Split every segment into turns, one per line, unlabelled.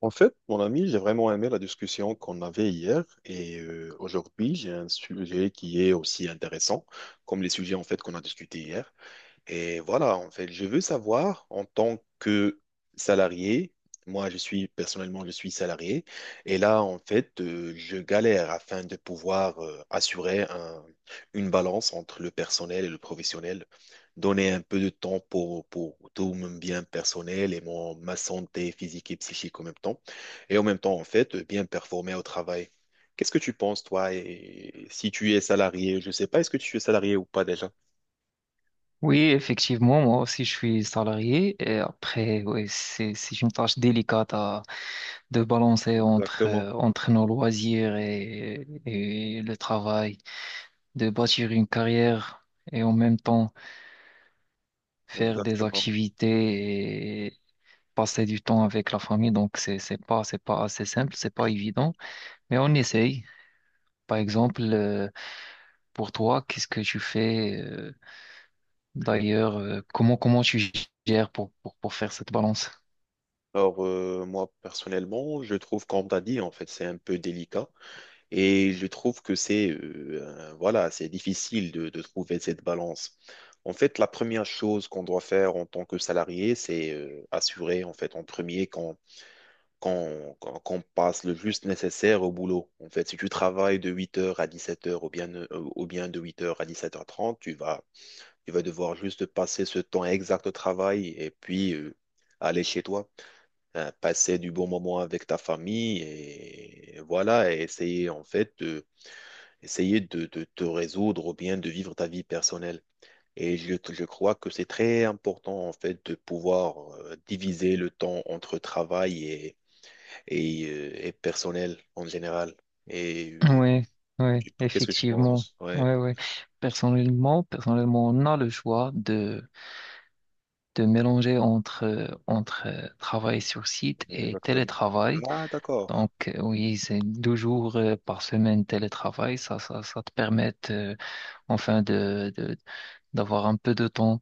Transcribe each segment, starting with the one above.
En fait, mon ami, j'ai vraiment aimé la discussion qu'on avait hier et aujourd'hui, j'ai un sujet qui est aussi intéressant comme les sujets en fait qu'on a discutés hier. Et voilà, en fait, je veux savoir en tant que salarié, moi je suis personnellement, je suis salarié, et là, en fait, je galère afin de pouvoir assurer une balance entre le personnel et le professionnel, donner un peu de temps pour tout mon bien personnel et mon, ma santé physique et psychique en même temps, et en même temps, en fait, bien performer au travail. Qu'est-ce que tu penses, toi, et si tu es salarié, je ne sais pas, est-ce que tu es salarié ou pas déjà?
Oui, effectivement, moi aussi je suis salarié. Et après, oui, c'est une tâche délicate de balancer entre,
Exactement.
entre nos loisirs et le travail, de bâtir une carrière et en même temps faire des
Exactement.
activités et passer du temps avec la famille. Donc c'est pas assez simple, c'est pas évident, mais on essaye. Par exemple, pour toi, qu'est-ce que tu fais, d'ailleurs, comment tu gères pour, pour faire cette balance?
Alors, moi, personnellement, je trouve, comme t'as dit, en fait, c'est un peu délicat. Et je trouve que c'est, voilà, c'est difficile de trouver cette balance. En fait, la première chose qu'on doit faire en tant que salarié, c'est assurer, en fait, en premier, qu'on passe le juste nécessaire au boulot. En fait, si tu travailles de huit heures à dix-sept heures, ou bien de huit heures à dix-sept heures trente, tu vas devoir juste passer ce temps exact au travail et puis aller chez toi. Passer du bon moment avec ta famille et, voilà, et essayer en fait essayer de te résoudre ou bien de vivre ta vie personnelle. Et je crois que c'est très important en fait de pouvoir diviser le temps entre travail et, et personnel en général. Et
Oui, oui,
qu'est-ce que tu
effectivement.
penses? Ouais,
Oui, oui. Personnellement, on a le choix de mélanger entre, entre travail sur site et
exactement.
télétravail.
Ah, d'accord,
Donc, oui, c'est 2 jours par semaine télétravail. Ça te permet, enfin, d'avoir un peu de temps,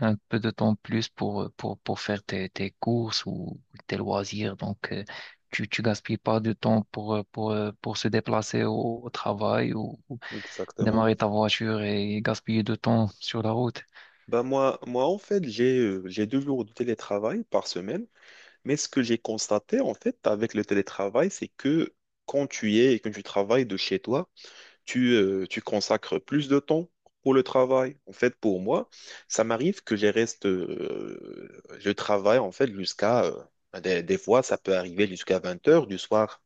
un peu de temps plus pour, pour faire tes courses ou tes loisirs. Donc, tu gaspilles pas de temps pour se déplacer au travail ou
exactement.
démarrer ta voiture et gaspiller de temps sur la route.
Bah moi en fait, j'ai deux jours de télétravail par semaine. Mais ce que j'ai constaté, en fait, avec le télétravail, c'est que quand tu y es et que tu travailles de chez toi, tu consacres plus de temps pour le travail. En fait, pour moi, ça m'arrive que je reste, je travaille, en fait, des fois, ça peut arriver jusqu'à 20 heures du soir.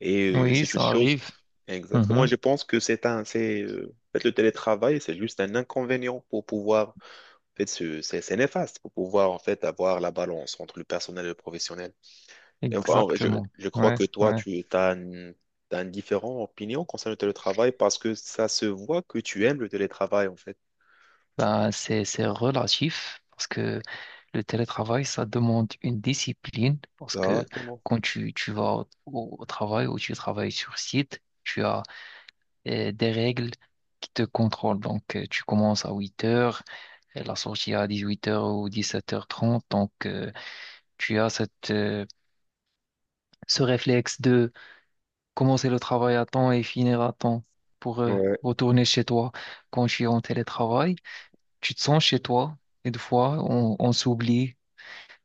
Et
Oui,
c'est une
ça
chose.
arrive.
Exactement. Et
Mhm,
je pense que en fait, le télétravail, c'est juste un inconvénient pour pouvoir, en fait, c'est néfaste pour pouvoir, en fait, avoir la balance entre le personnel et le professionnel. Et enfin,
exactement.
je crois
Ouais,
que toi,
ouais.
t'as une différente opinion concernant le télétravail parce que ça se voit que tu aimes le télétravail, en fait.
Ben, c'est relatif parce que le télétravail, ça demande une discipline parce que
Exactement.
quand tu vas au travail ou tu travailles sur site, tu as des règles qui te contrôlent. Donc, tu commences à 8h, et la sortie à 18h ou 17h30. Donc, tu as cette, ce réflexe de commencer le travail à temps et finir à temps pour
Ouais,
retourner chez toi. Quand je suis en télétravail, tu te sens chez toi et des fois on s'oublie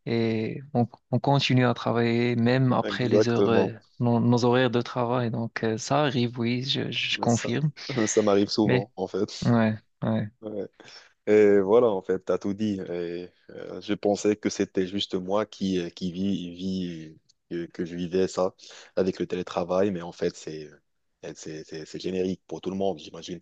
et on continue à travailler même après les heures,
exactement.
nos horaires de travail. Donc, ça arrive, oui, je
Ça,
confirme.
ça m'arrive
Mais
souvent, en fait.
ouais, ouais.
Ouais. Et voilà, en fait, t'as tout dit. Et, je pensais que c'était juste moi qui, que je vivais ça avec le télétravail, mais en fait, c'est, c'est générique pour tout le monde, j'imagine.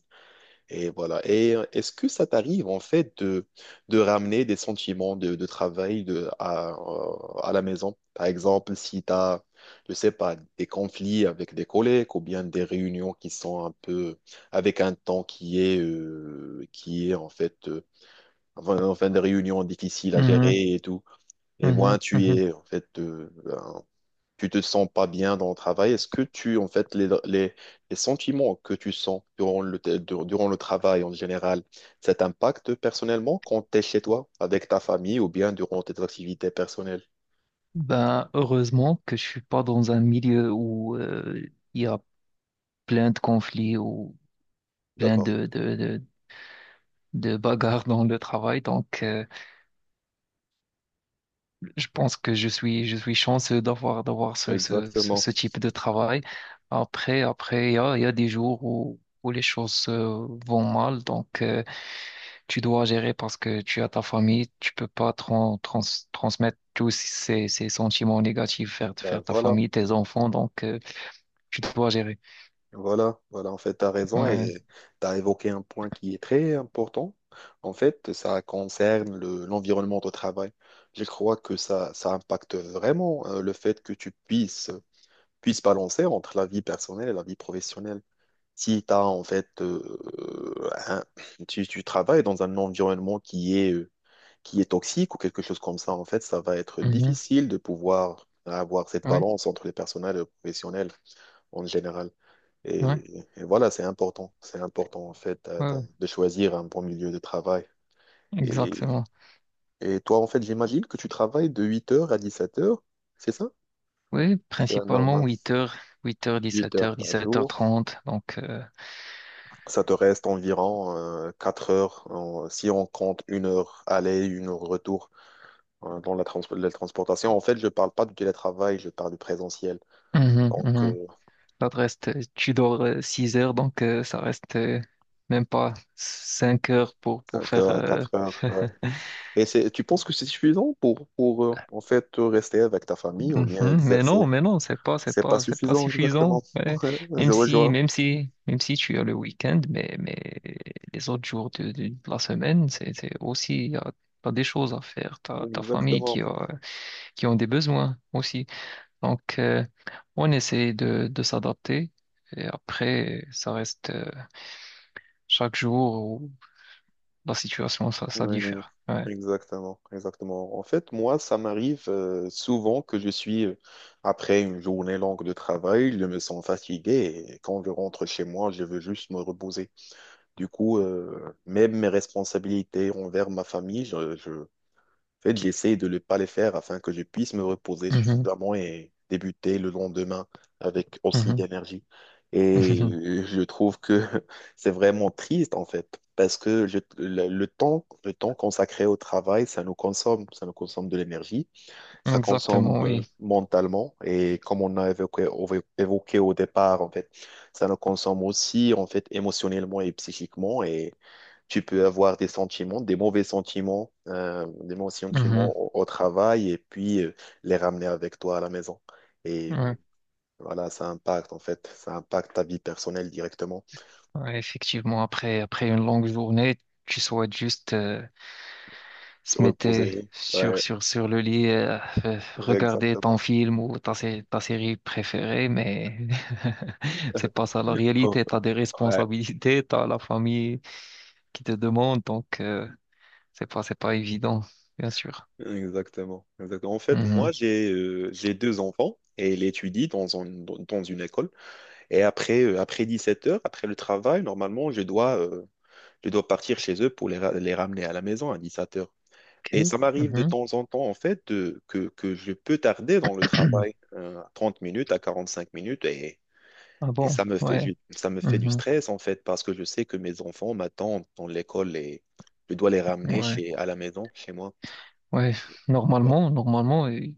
Et voilà. Et est-ce que ça t'arrive en fait de ramener des sentiments de travail à la maison? Par exemple, si tu as, je sais pas, des conflits avec des collègues ou bien des réunions qui sont un peu avec un temps qui est en fait, enfin, enfin, des réunions difficiles à
Mhm,
gérer et tout. Et moi,
mhm,
tu
mhm.
es en fait tu te sens pas bien dans le travail, est-ce que tu, en fait, les sentiments que tu sens durant durant le travail en général, ça t'impacte personnellement quand tu es chez toi, avec ta famille ou bien durant tes activités personnelles?
Ben, heureusement que je suis pas dans un milieu où il y a plein de conflits ou plein
D'accord,
de bagarres dans le travail. Donc, je pense que je suis chanceux d'avoir ce, ce, ce,
exactement.
ce type de travail. Après, il y a des jours où les choses, vont mal, donc, tu dois gérer parce que tu as ta famille, tu peux pas transmettre tous ces sentiments négatifs vers,
Ben
vers ta
voilà,
famille, tes enfants, donc, tu dois gérer.
voilà, voilà, en fait, tu as raison et
Ouais.
tu as évoqué un point qui est très important. En fait, ça concerne l'environnement de travail. Je crois que ça impacte vraiment le fait que tu puisse balancer entre la vie personnelle et la vie professionnelle. Si tu as en fait, tu travailles dans un environnement qui est toxique ou quelque chose comme ça, en fait, ça va être
Mhm.
difficile de pouvoir avoir cette
Ouais,
balance entre les personnels et le professionnel en général.
ouais,
Et voilà, c'est important. C'est important, en fait,
ouais, ouais.
de choisir un bon milieu de travail. Et,
Exactement.
et toi, en fait, j'imagine que tu travailles de 8 heures à 17 heures, c'est ça?
Oui,
C'est la
principalement
normale.
8h, 8 8h,
8 heures
17h,
par jour.
17h30, donc,
Ça te reste environ 4 heures, si on compte une heure aller, une heure retour dans la, la transportation. En fait, je parle pas du télétravail, je parle du présentiel.
mhm,
Donc,
mhm. Ça te reste, tu dors, 6 heures, donc, ça reste, même pas 5 heures pour,
5
faire.
heures à 4 heures. Ouais. Et c'est, tu penses que c'est suffisant pour rester avec ta famille ou bien
Mhm.
exercer?
Mais non, c'est pas, c'est
C'est pas
pas, c'est pas
suffisant, exactement.
suffisant. Ouais. Même
Je
si,
rejoins.
même si, même si tu as le week-end, mais les autres jours de la semaine, c'est aussi, t'as des choses à faire. T'as ta famille qui
Exactement.
a, qui ont des besoins aussi. Donc, on essaie de s'adapter. Et après, ça reste, chaque jour. La situation, ça
Oui,
diffère. Ouais.
exactement, exactement. En fait, moi, ça m'arrive souvent que je suis, après une journée longue de travail, je me sens fatigué et quand je rentre chez moi, je veux juste me reposer. Du coup, même mes responsabilités envers ma famille, en fait, j'essaie de ne pas les faire afin que je puisse me reposer
Mhm,
suffisamment et débuter le lendemain avec aussi
mhm,
d'énergie. Et
mhm.
je trouve que c'est vraiment triste, en fait, parce que le temps consacré au travail, ça nous consomme de l'énergie, ça consomme
Exactement, oui.
mentalement, et comme on a évoqué, évoqué au départ, en fait, ça nous consomme aussi, en fait, émotionnellement et psychiquement, et tu peux avoir des sentiments, des mauvais sentiments, des mauvais sentiments
Mhm,
au travail et puis les ramener avec toi à la maison. Et
ouais.
voilà, ça impacte en fait, ça impacte ta vie personnelle directement.
Ouais, effectivement, après une longue journée, tu souhaites juste,
Te
se mettre
reposer,
sur,
ouais,
sur, sur le lit, regarder ton
exactement.
film ou ta série préférée, mais c'est pas ça la
Oh,
réalité. Tu as des
ouais,
responsabilités, tu as la famille qui te demande, donc, c'est pas évident, bien sûr.
exactement, exactement. En fait,
Mhm.
moi, j'ai deux enfants et elle étudie dans une école. Et après, après 17 heures, après le travail, normalement, je dois partir chez eux pour les ramener à la maison à 17 heures. Et
Ok.
ça m'arrive de
Mhm.
temps en temps, en fait, que je peux tarder dans le travail, à 30 minutes, à 45 minutes, et,
Ah bon, ouais.
ça me fait du stress, en fait, parce que je sais que mes enfants m'attendent dans l'école et je dois les
Mhm.
ramener
Ouais.
à la maison, chez moi.
Ouais,
Et
normalement, il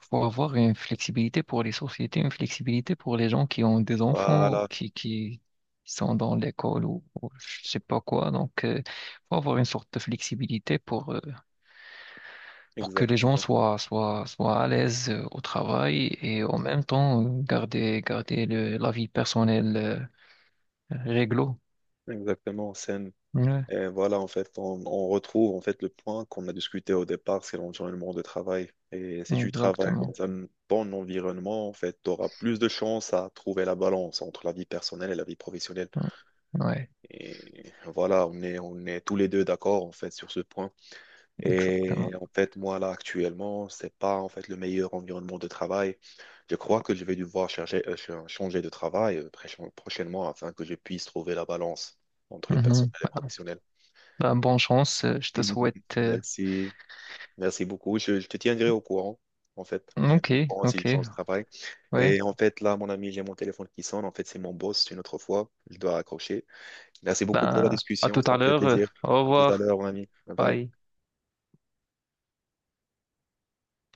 faut avoir une flexibilité pour les sociétés, une flexibilité pour les gens qui ont des enfants,
voilà,
qui sont dans l'école ou je sais pas quoi. Donc, il faut avoir une sorte de flexibilité pour que les gens
exactement.
soient à l'aise, au travail et en même temps, garder le, la vie personnelle, réglo.
Exactement, c'est un-
Ouais,
Et voilà, en fait, on retrouve en fait le point qu'on a discuté au départ, c'est l'environnement de travail. Et si tu travailles
exactement.
dans un bon environnement, en fait, tu auras plus de chances à trouver la balance entre la vie personnelle et la vie professionnelle.
Ouais, ouais,
Et voilà, on est tous les deux d'accord, en fait, sur ce point. Et
exactement.
en fait, moi, là, actuellement, c'est pas, en fait, le meilleur environnement de travail. Je crois que je vais devoir chercher, changer de travail prochainement afin que je puisse trouver la balance entre le
Mhm.
personnel et le professionnel.
Ben, bonne chance, je te souhaite.
Merci. Merci beaucoup. Je te tiendrai au courant, en fait. Je
Ok,
tiendrai au courant si
ok.
je change de travail.
Ouais.
Et en fait, là, mon ami, j'ai mon téléphone qui sonne. En fait, c'est mon boss une autre fois. Je dois raccrocher. Merci beaucoup pour la
Ben, à
discussion.
tout
Ça
à
me fait
l'heure.
plaisir.
Au
À tout à
revoir.
l'heure, mon ami. Bye bye.
Bye.